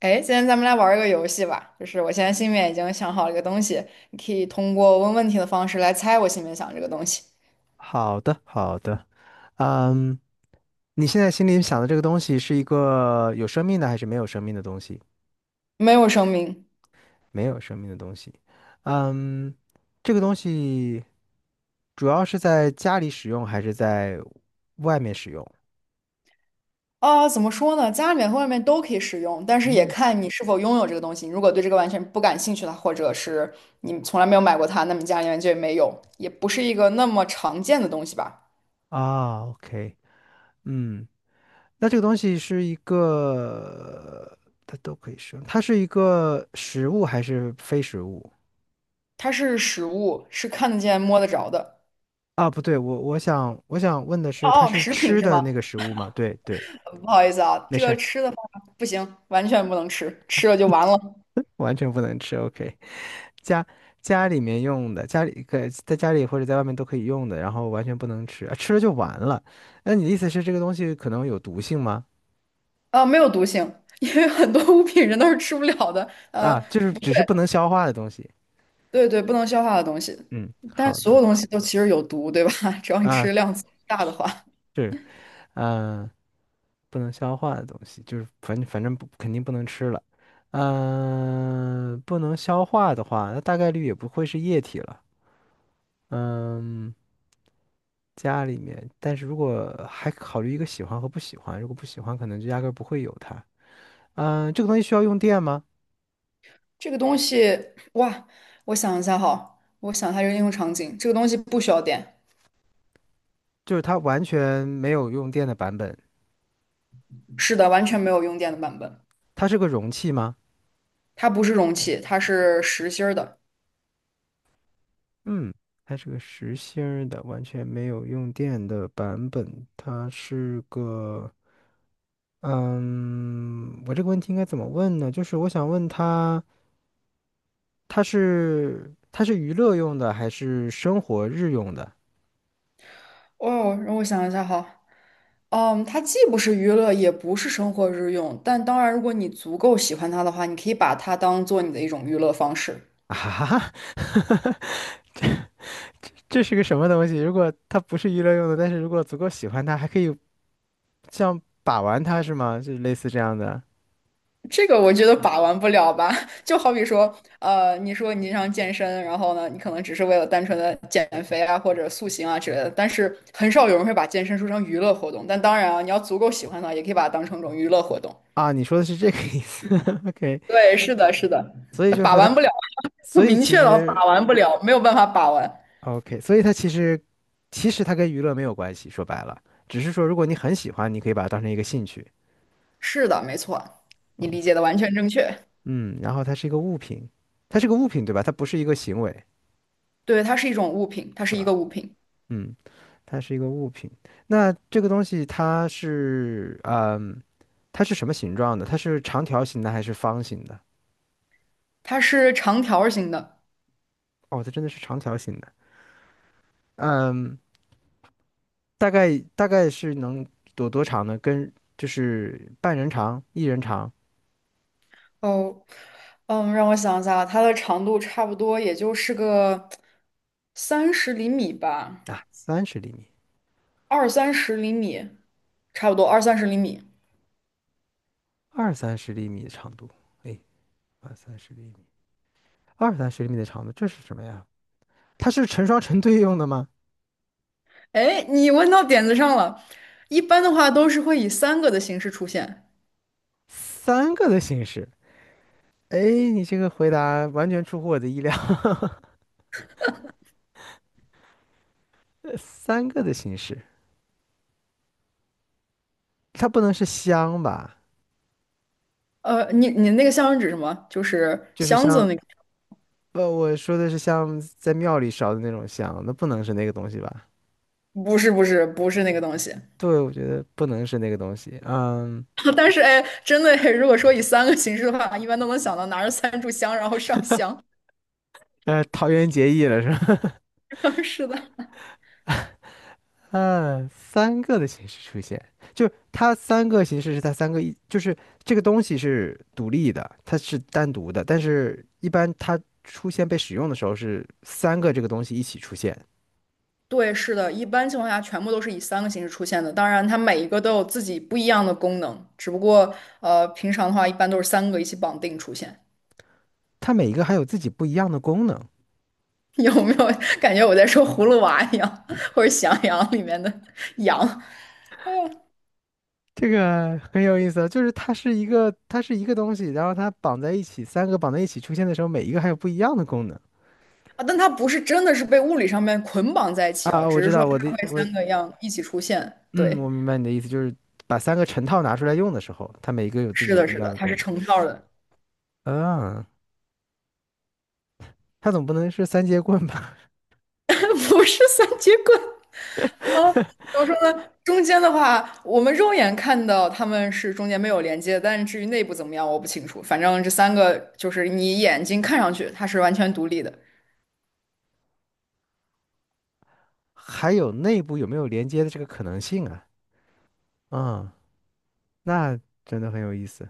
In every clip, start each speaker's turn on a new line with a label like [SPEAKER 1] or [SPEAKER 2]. [SPEAKER 1] 哎，今天咱们来玩儿一个游戏吧，就是我现在心里面已经想好了一个东西，你可以通过问问题的方式来猜我心里面想这个东西，
[SPEAKER 2] 好的，好的。嗯，你现在心里想的这个东西是一个有生命的还是没有生命的东西？
[SPEAKER 1] 没有生命
[SPEAKER 2] 没有生命的东西。嗯，这个东西主要是在家里使用还是在外面使用？
[SPEAKER 1] 啊，怎么说呢？家里面和外面都可以使用，但是也
[SPEAKER 2] 嗯，
[SPEAKER 1] 看你是否拥有这个东西。你如果对这个完全不感兴趣的，或者是你从来没有买过它，那么你家里面就没有，也不是一个那么常见的东西吧。
[SPEAKER 2] 啊，OK。嗯，那这个东西是一个，它都可以使用，它是一个食物还是非食物？
[SPEAKER 1] 它是食物，是看得见、摸得着的。
[SPEAKER 2] 啊，不对，我想问的是，它
[SPEAKER 1] 哦哦，
[SPEAKER 2] 是
[SPEAKER 1] 食品
[SPEAKER 2] 吃
[SPEAKER 1] 是
[SPEAKER 2] 的
[SPEAKER 1] 吗？
[SPEAKER 2] 那个食物吗？对对。
[SPEAKER 1] 不好意思啊，
[SPEAKER 2] 没
[SPEAKER 1] 这
[SPEAKER 2] 事
[SPEAKER 1] 个
[SPEAKER 2] 儿，
[SPEAKER 1] 吃的话不行，完全不能吃，吃了就完了。
[SPEAKER 2] 完全不能吃。OK，家家里面用的，家里可在家里或者在外面都可以用的，然后完全不能吃，啊，吃了就完了。那你的意思是这个东西可能有毒性吗？
[SPEAKER 1] 啊，没有毒性，因为很多物品人都是吃不了的。
[SPEAKER 2] 啊，就是
[SPEAKER 1] 对
[SPEAKER 2] 只是不能消化的东西。
[SPEAKER 1] 对对，不能消化的东西，
[SPEAKER 2] 嗯，
[SPEAKER 1] 但
[SPEAKER 2] 好
[SPEAKER 1] 所
[SPEAKER 2] 的。
[SPEAKER 1] 有东西都其实有毒，对吧？只要你
[SPEAKER 2] 啊，
[SPEAKER 1] 吃量大的话，
[SPEAKER 2] 是，嗯、不能消化的东西，就是反正不肯定不能吃了。不能消化的话，那大概率也不会是液体了。嗯、家里面，但是如果还考虑一个喜欢和不喜欢，如果不喜欢，可能就压根儿不会有它。嗯，这个东西需要用电吗？
[SPEAKER 1] 这个东西，哇，我想一下哈，我想一下这个应用场景，这个东西不需要电，
[SPEAKER 2] 就是它完全没有用电的版本。
[SPEAKER 1] 是的，完全没有用电的版本，
[SPEAKER 2] 它是个容器吗？
[SPEAKER 1] 它不是容器，它是实心儿的。
[SPEAKER 2] 嗯，它是个实心儿的，完全没有用电的版本。它是个，嗯，我这个问题应该怎么问呢？就是我想问它，它是娱乐用的还是生活日用的？
[SPEAKER 1] 哦，让我想一下哈。嗯，它既不是娱乐，也不是生活日用，但当然，如果你足够喜欢它的话，你可以把它当做你的一种娱乐方式。
[SPEAKER 2] 啊哈哈，这是个什么东西？如果它不是娱乐用的，但是如果足够喜欢它，还可以像把玩它是吗？就类似这样的。
[SPEAKER 1] 这个我觉得把玩不了吧，就好比说，你说你常健身，然后呢，你可能只是为了单纯的减肥啊，或者塑形啊之类的，但是很少有人会把健身说成娱乐活动。但当然啊，你要足够喜欢它，也可以把它当成一种娱乐活动。
[SPEAKER 2] 啊？你说的是这个意思 ？OK，
[SPEAKER 1] 对，是的，是的，
[SPEAKER 2] 所以就
[SPEAKER 1] 把
[SPEAKER 2] 说它，
[SPEAKER 1] 玩不了，
[SPEAKER 2] 所 以
[SPEAKER 1] 明
[SPEAKER 2] 其
[SPEAKER 1] 确了，
[SPEAKER 2] 实
[SPEAKER 1] 把玩不了，没有办法把玩。
[SPEAKER 2] OK，所以它其实其实它跟娱乐没有关系，说白了，只是说如果你很喜欢，你可以把它当成一个兴趣。
[SPEAKER 1] 是的，没错，你理解的完全正确。
[SPEAKER 2] 嗯，然后它是一个物品，它是个物品对吧？它不是一个行为。
[SPEAKER 1] 对，它是一种物品，它是一个物品，
[SPEAKER 2] 嗯，它是一个物品。那这个东西它是嗯，它是什么形状的？它是长条形的还是方形的？
[SPEAKER 1] 它是长条形的。
[SPEAKER 2] 哦，它真的是长条形的。嗯，大概是能多长呢？跟就是半人长、一人长。
[SPEAKER 1] 哦，嗯，让我想一下，它的长度差不多也就是个三十厘米吧，
[SPEAKER 2] 啊，三十厘米、
[SPEAKER 1] 二三十厘米，差不多二三十厘米。
[SPEAKER 2] 二三十厘米的长度。哎，二三十厘米、二三十厘米的长度，这是什么呀？它是成双成对用的吗？
[SPEAKER 1] 哎，你问到点子上了。一般的话都是会以三个的形式出现。
[SPEAKER 2] 三个的形式。哎，你这个回答完全出乎我的意料。三个的形式，它不能是香吧？
[SPEAKER 1] 你那个箱是指什么？就是
[SPEAKER 2] 就是
[SPEAKER 1] 箱子
[SPEAKER 2] 像，
[SPEAKER 1] 那个？
[SPEAKER 2] 呃，我说的是像在庙里烧的那种香，那不能是那个东西吧？
[SPEAKER 1] 不是不是那个东西。
[SPEAKER 2] 对，我觉得不能是那个东西。嗯，
[SPEAKER 1] 但是哎，真的，如果说以三个形式的话，一般都能想到拿着三炷香然后上香。
[SPEAKER 2] 呃，桃园结义了是吧？
[SPEAKER 1] 是的。
[SPEAKER 2] 嗯，三个的形式出现，就它三个形式是它三个一，就是这个东西是独立的，它是单独的，但是一般它出现被使用的时候是三个这个东西一起出现，
[SPEAKER 1] 对，是的，一般情况下全部都是以三个形式出现的。当然，它每一个都有自己不一样的功能，只不过平常的话一般都是三个一起绑定出现。
[SPEAKER 2] 它每一个还有自己不一样的功能。
[SPEAKER 1] 有没有感觉我在说葫芦娃一样，或者喜羊羊里面的 羊啊？
[SPEAKER 2] 这个很有意思啊就是它是一个它是一个东西，然后它绑在一起，三个绑在一起出现的时候，每一个还有不一样的功能。
[SPEAKER 1] 但它不是真的是被物理上面捆绑在一起哦，
[SPEAKER 2] 啊，我
[SPEAKER 1] 只
[SPEAKER 2] 知
[SPEAKER 1] 是说
[SPEAKER 2] 道，我的
[SPEAKER 1] 它会三个样一起出现。
[SPEAKER 2] 嗯，
[SPEAKER 1] 对，
[SPEAKER 2] 我明白你的意思，就是把三个成套拿出来用的时候，它每一个有自
[SPEAKER 1] 是
[SPEAKER 2] 己
[SPEAKER 1] 的，
[SPEAKER 2] 不一
[SPEAKER 1] 是
[SPEAKER 2] 样
[SPEAKER 1] 的，
[SPEAKER 2] 的
[SPEAKER 1] 它是
[SPEAKER 2] 功能。
[SPEAKER 1] 成套的，
[SPEAKER 2] 嗯，它总不能是三节棍吧？
[SPEAKER 1] 不是三节棍。啊，怎么说呢？中间的话，我们肉眼看到他们是中间没有连接，但是至于内部怎么样，我不清楚。反正这三个就是你眼睛看上去它是完全独立的。
[SPEAKER 2] 还有内部有没有连接的这个可能性啊？嗯，那真的很有意思。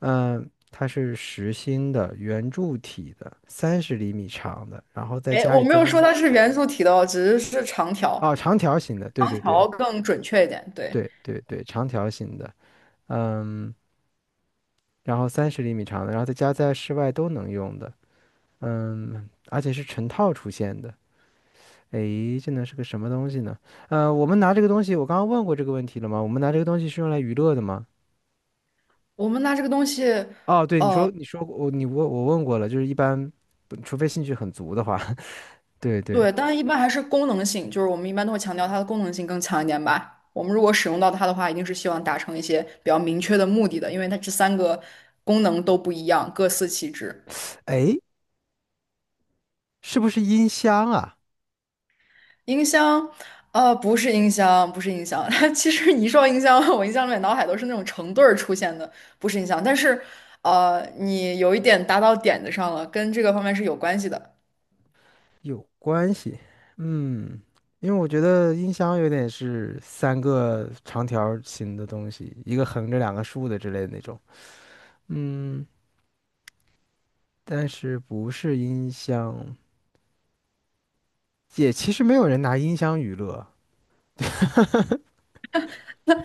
[SPEAKER 2] 嗯，它是实心的圆柱体的，三十厘米长的，然后在
[SPEAKER 1] 哎，
[SPEAKER 2] 家
[SPEAKER 1] 我
[SPEAKER 2] 里
[SPEAKER 1] 没
[SPEAKER 2] 在
[SPEAKER 1] 有
[SPEAKER 2] 外
[SPEAKER 1] 说
[SPEAKER 2] 面。
[SPEAKER 1] 它是元素体的哦，只是是长条，
[SPEAKER 2] 哦，长条形的，对
[SPEAKER 1] 长
[SPEAKER 2] 对对。
[SPEAKER 1] 条更准确一点。对，
[SPEAKER 2] 对对对，长条形的。嗯，然后三十厘米长的，然后在家在室外都能用的。嗯，而且是成套出现的。诶，这能是个什么东西呢？呃，我们拿这个东西，我刚刚问过这个问题了吗？我们拿这个东西是用来娱乐的吗？
[SPEAKER 1] 我们拿这个东西，
[SPEAKER 2] 哦，对，你
[SPEAKER 1] 呃，
[SPEAKER 2] 说你说我你问我问过了，就是一般不除非兴趣很足的话，对对。
[SPEAKER 1] 对，当然一般还是功能性，就是我们一般都会强调它的功能性更强一点吧。我们如果使用到它的话，一定是希望达成一些比较明确的目的的，因为它这三个功能都不一样，各司其职。
[SPEAKER 2] 诶，是不是音箱啊？
[SPEAKER 1] 音箱，不是音箱，不是音箱。它其实你一说音箱，我印象里面脑海都是那种成对儿出现的，不是音箱。但是，你有一点打到点子上了，跟这个方面是有关系的。
[SPEAKER 2] 有关系。嗯，因为我觉得音箱有点是三个长条儿形的东西，一个横着两个竖的之类的那种。嗯，但是不是音箱，也其实没有人拿音箱娱乐，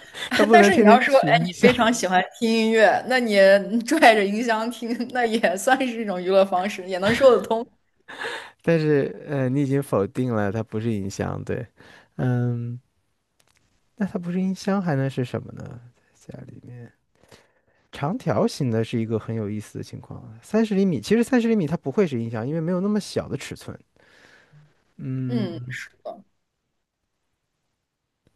[SPEAKER 2] 他 不
[SPEAKER 1] 但
[SPEAKER 2] 能
[SPEAKER 1] 是你
[SPEAKER 2] 天天
[SPEAKER 1] 要说，哎，
[SPEAKER 2] 取
[SPEAKER 1] 你
[SPEAKER 2] 音箱。
[SPEAKER 1] 非常喜欢听音乐，那你拽着音箱听，那也算是一种娱乐方式，也能说得通。
[SPEAKER 2] 但是呃，你已经否定了它不是音箱，对。嗯，那它不是音箱还能是什么呢？在家里面，长条形的是一个很有意思的情况，三十厘米，其实三十厘米它不会是音箱，因为没有那么小的尺寸。
[SPEAKER 1] 嗯，
[SPEAKER 2] 嗯，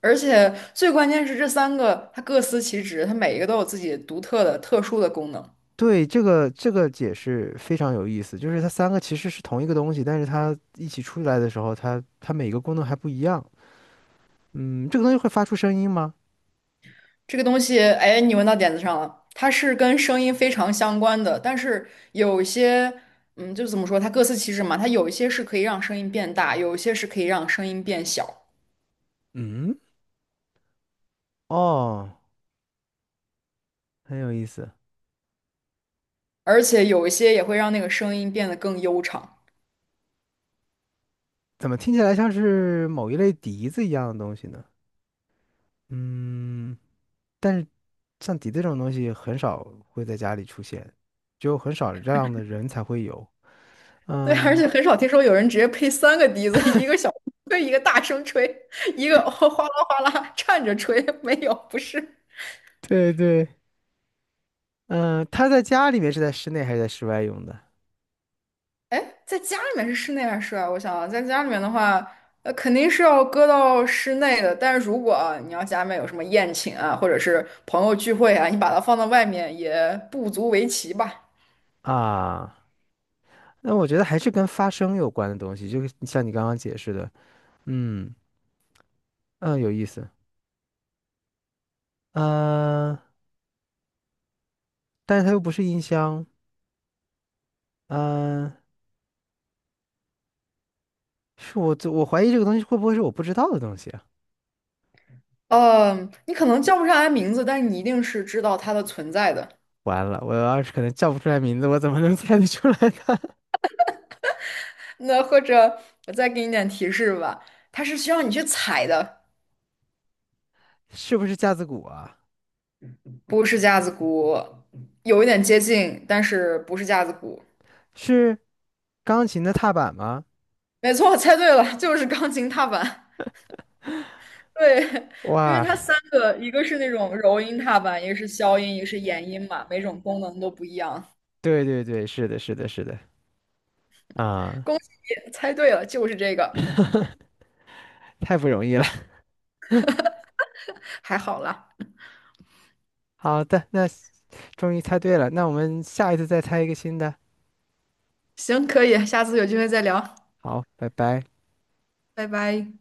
[SPEAKER 1] 而且最关键是这三个，它各司其职，它每一个都有自己独特的、特殊的功能。
[SPEAKER 2] 对，这个这个解释非常有意思，就是它三个其实是同一个东西，但是它一起出来的时候，它它每个功能还不一样。嗯，这个东西会发出声音吗？
[SPEAKER 1] 这个东西，哎，你问到点子上了，它是跟声音非常相关的，但是有一些，嗯，就怎么说，它各司其职嘛，它有一些是可以让声音变大，有一些是可以让声音变小，
[SPEAKER 2] 嗯，哦，很有意思。
[SPEAKER 1] 而且有一些也会让那个声音变得更悠长。
[SPEAKER 2] 怎么听起来像是某一类笛子一样的东西呢？嗯，但是像笛子这种东西很少会在家里出现，只有很少这样的人才会有。
[SPEAKER 1] 对，而
[SPEAKER 2] 嗯，
[SPEAKER 1] 且很少听说有人直接配三个笛子，一个小吹，一个大声吹，一个哗啦哗啦 颤着吹，没有，不是。
[SPEAKER 2] 对对。嗯，他在家里面是在室内还是在室外用的
[SPEAKER 1] 哎，在家里面是室内还是室外？我想想在家里面的话，肯定是要搁到室内的。但是如果啊你要家里面有什么宴请啊，或者是朋友聚会啊，你把它放到外面也不足为奇吧。
[SPEAKER 2] 啊？那我觉得还是跟发声有关的东西，就是像你刚刚解释的。嗯嗯，有意思。嗯，但是它又不是音箱。嗯，是我我怀疑这个东西会不会是我不知道的东西啊？
[SPEAKER 1] 嗯，你可能叫不上来名字，但是你一定是知道它的存在的。
[SPEAKER 2] 完了，我要是可能叫不出来名字，我怎么能猜得出来呢？
[SPEAKER 1] 那或者我再给你点提示吧，它是需要你去采的，
[SPEAKER 2] 是不是架子鼓啊？
[SPEAKER 1] 不是架子鼓，有一点接近，但是不是架子鼓。
[SPEAKER 2] 是钢琴的踏板吗？
[SPEAKER 1] 没错，猜对了，就是钢琴踏板。对，因为
[SPEAKER 2] 哇，
[SPEAKER 1] 它三个，一个是那种柔音踏板，一个是消音，一个是延音嘛，每种功能都不一样。
[SPEAKER 2] 对对对，是的，是的，是的，啊，
[SPEAKER 1] 恭喜你猜对了，就是这个，
[SPEAKER 2] 太不容易了。
[SPEAKER 1] 还好啦。
[SPEAKER 2] 好的，那终于猜对了，那我们下一次再猜一个新的。
[SPEAKER 1] 行，可以，下次有机会再聊，
[SPEAKER 2] 好，拜拜。
[SPEAKER 1] 拜拜。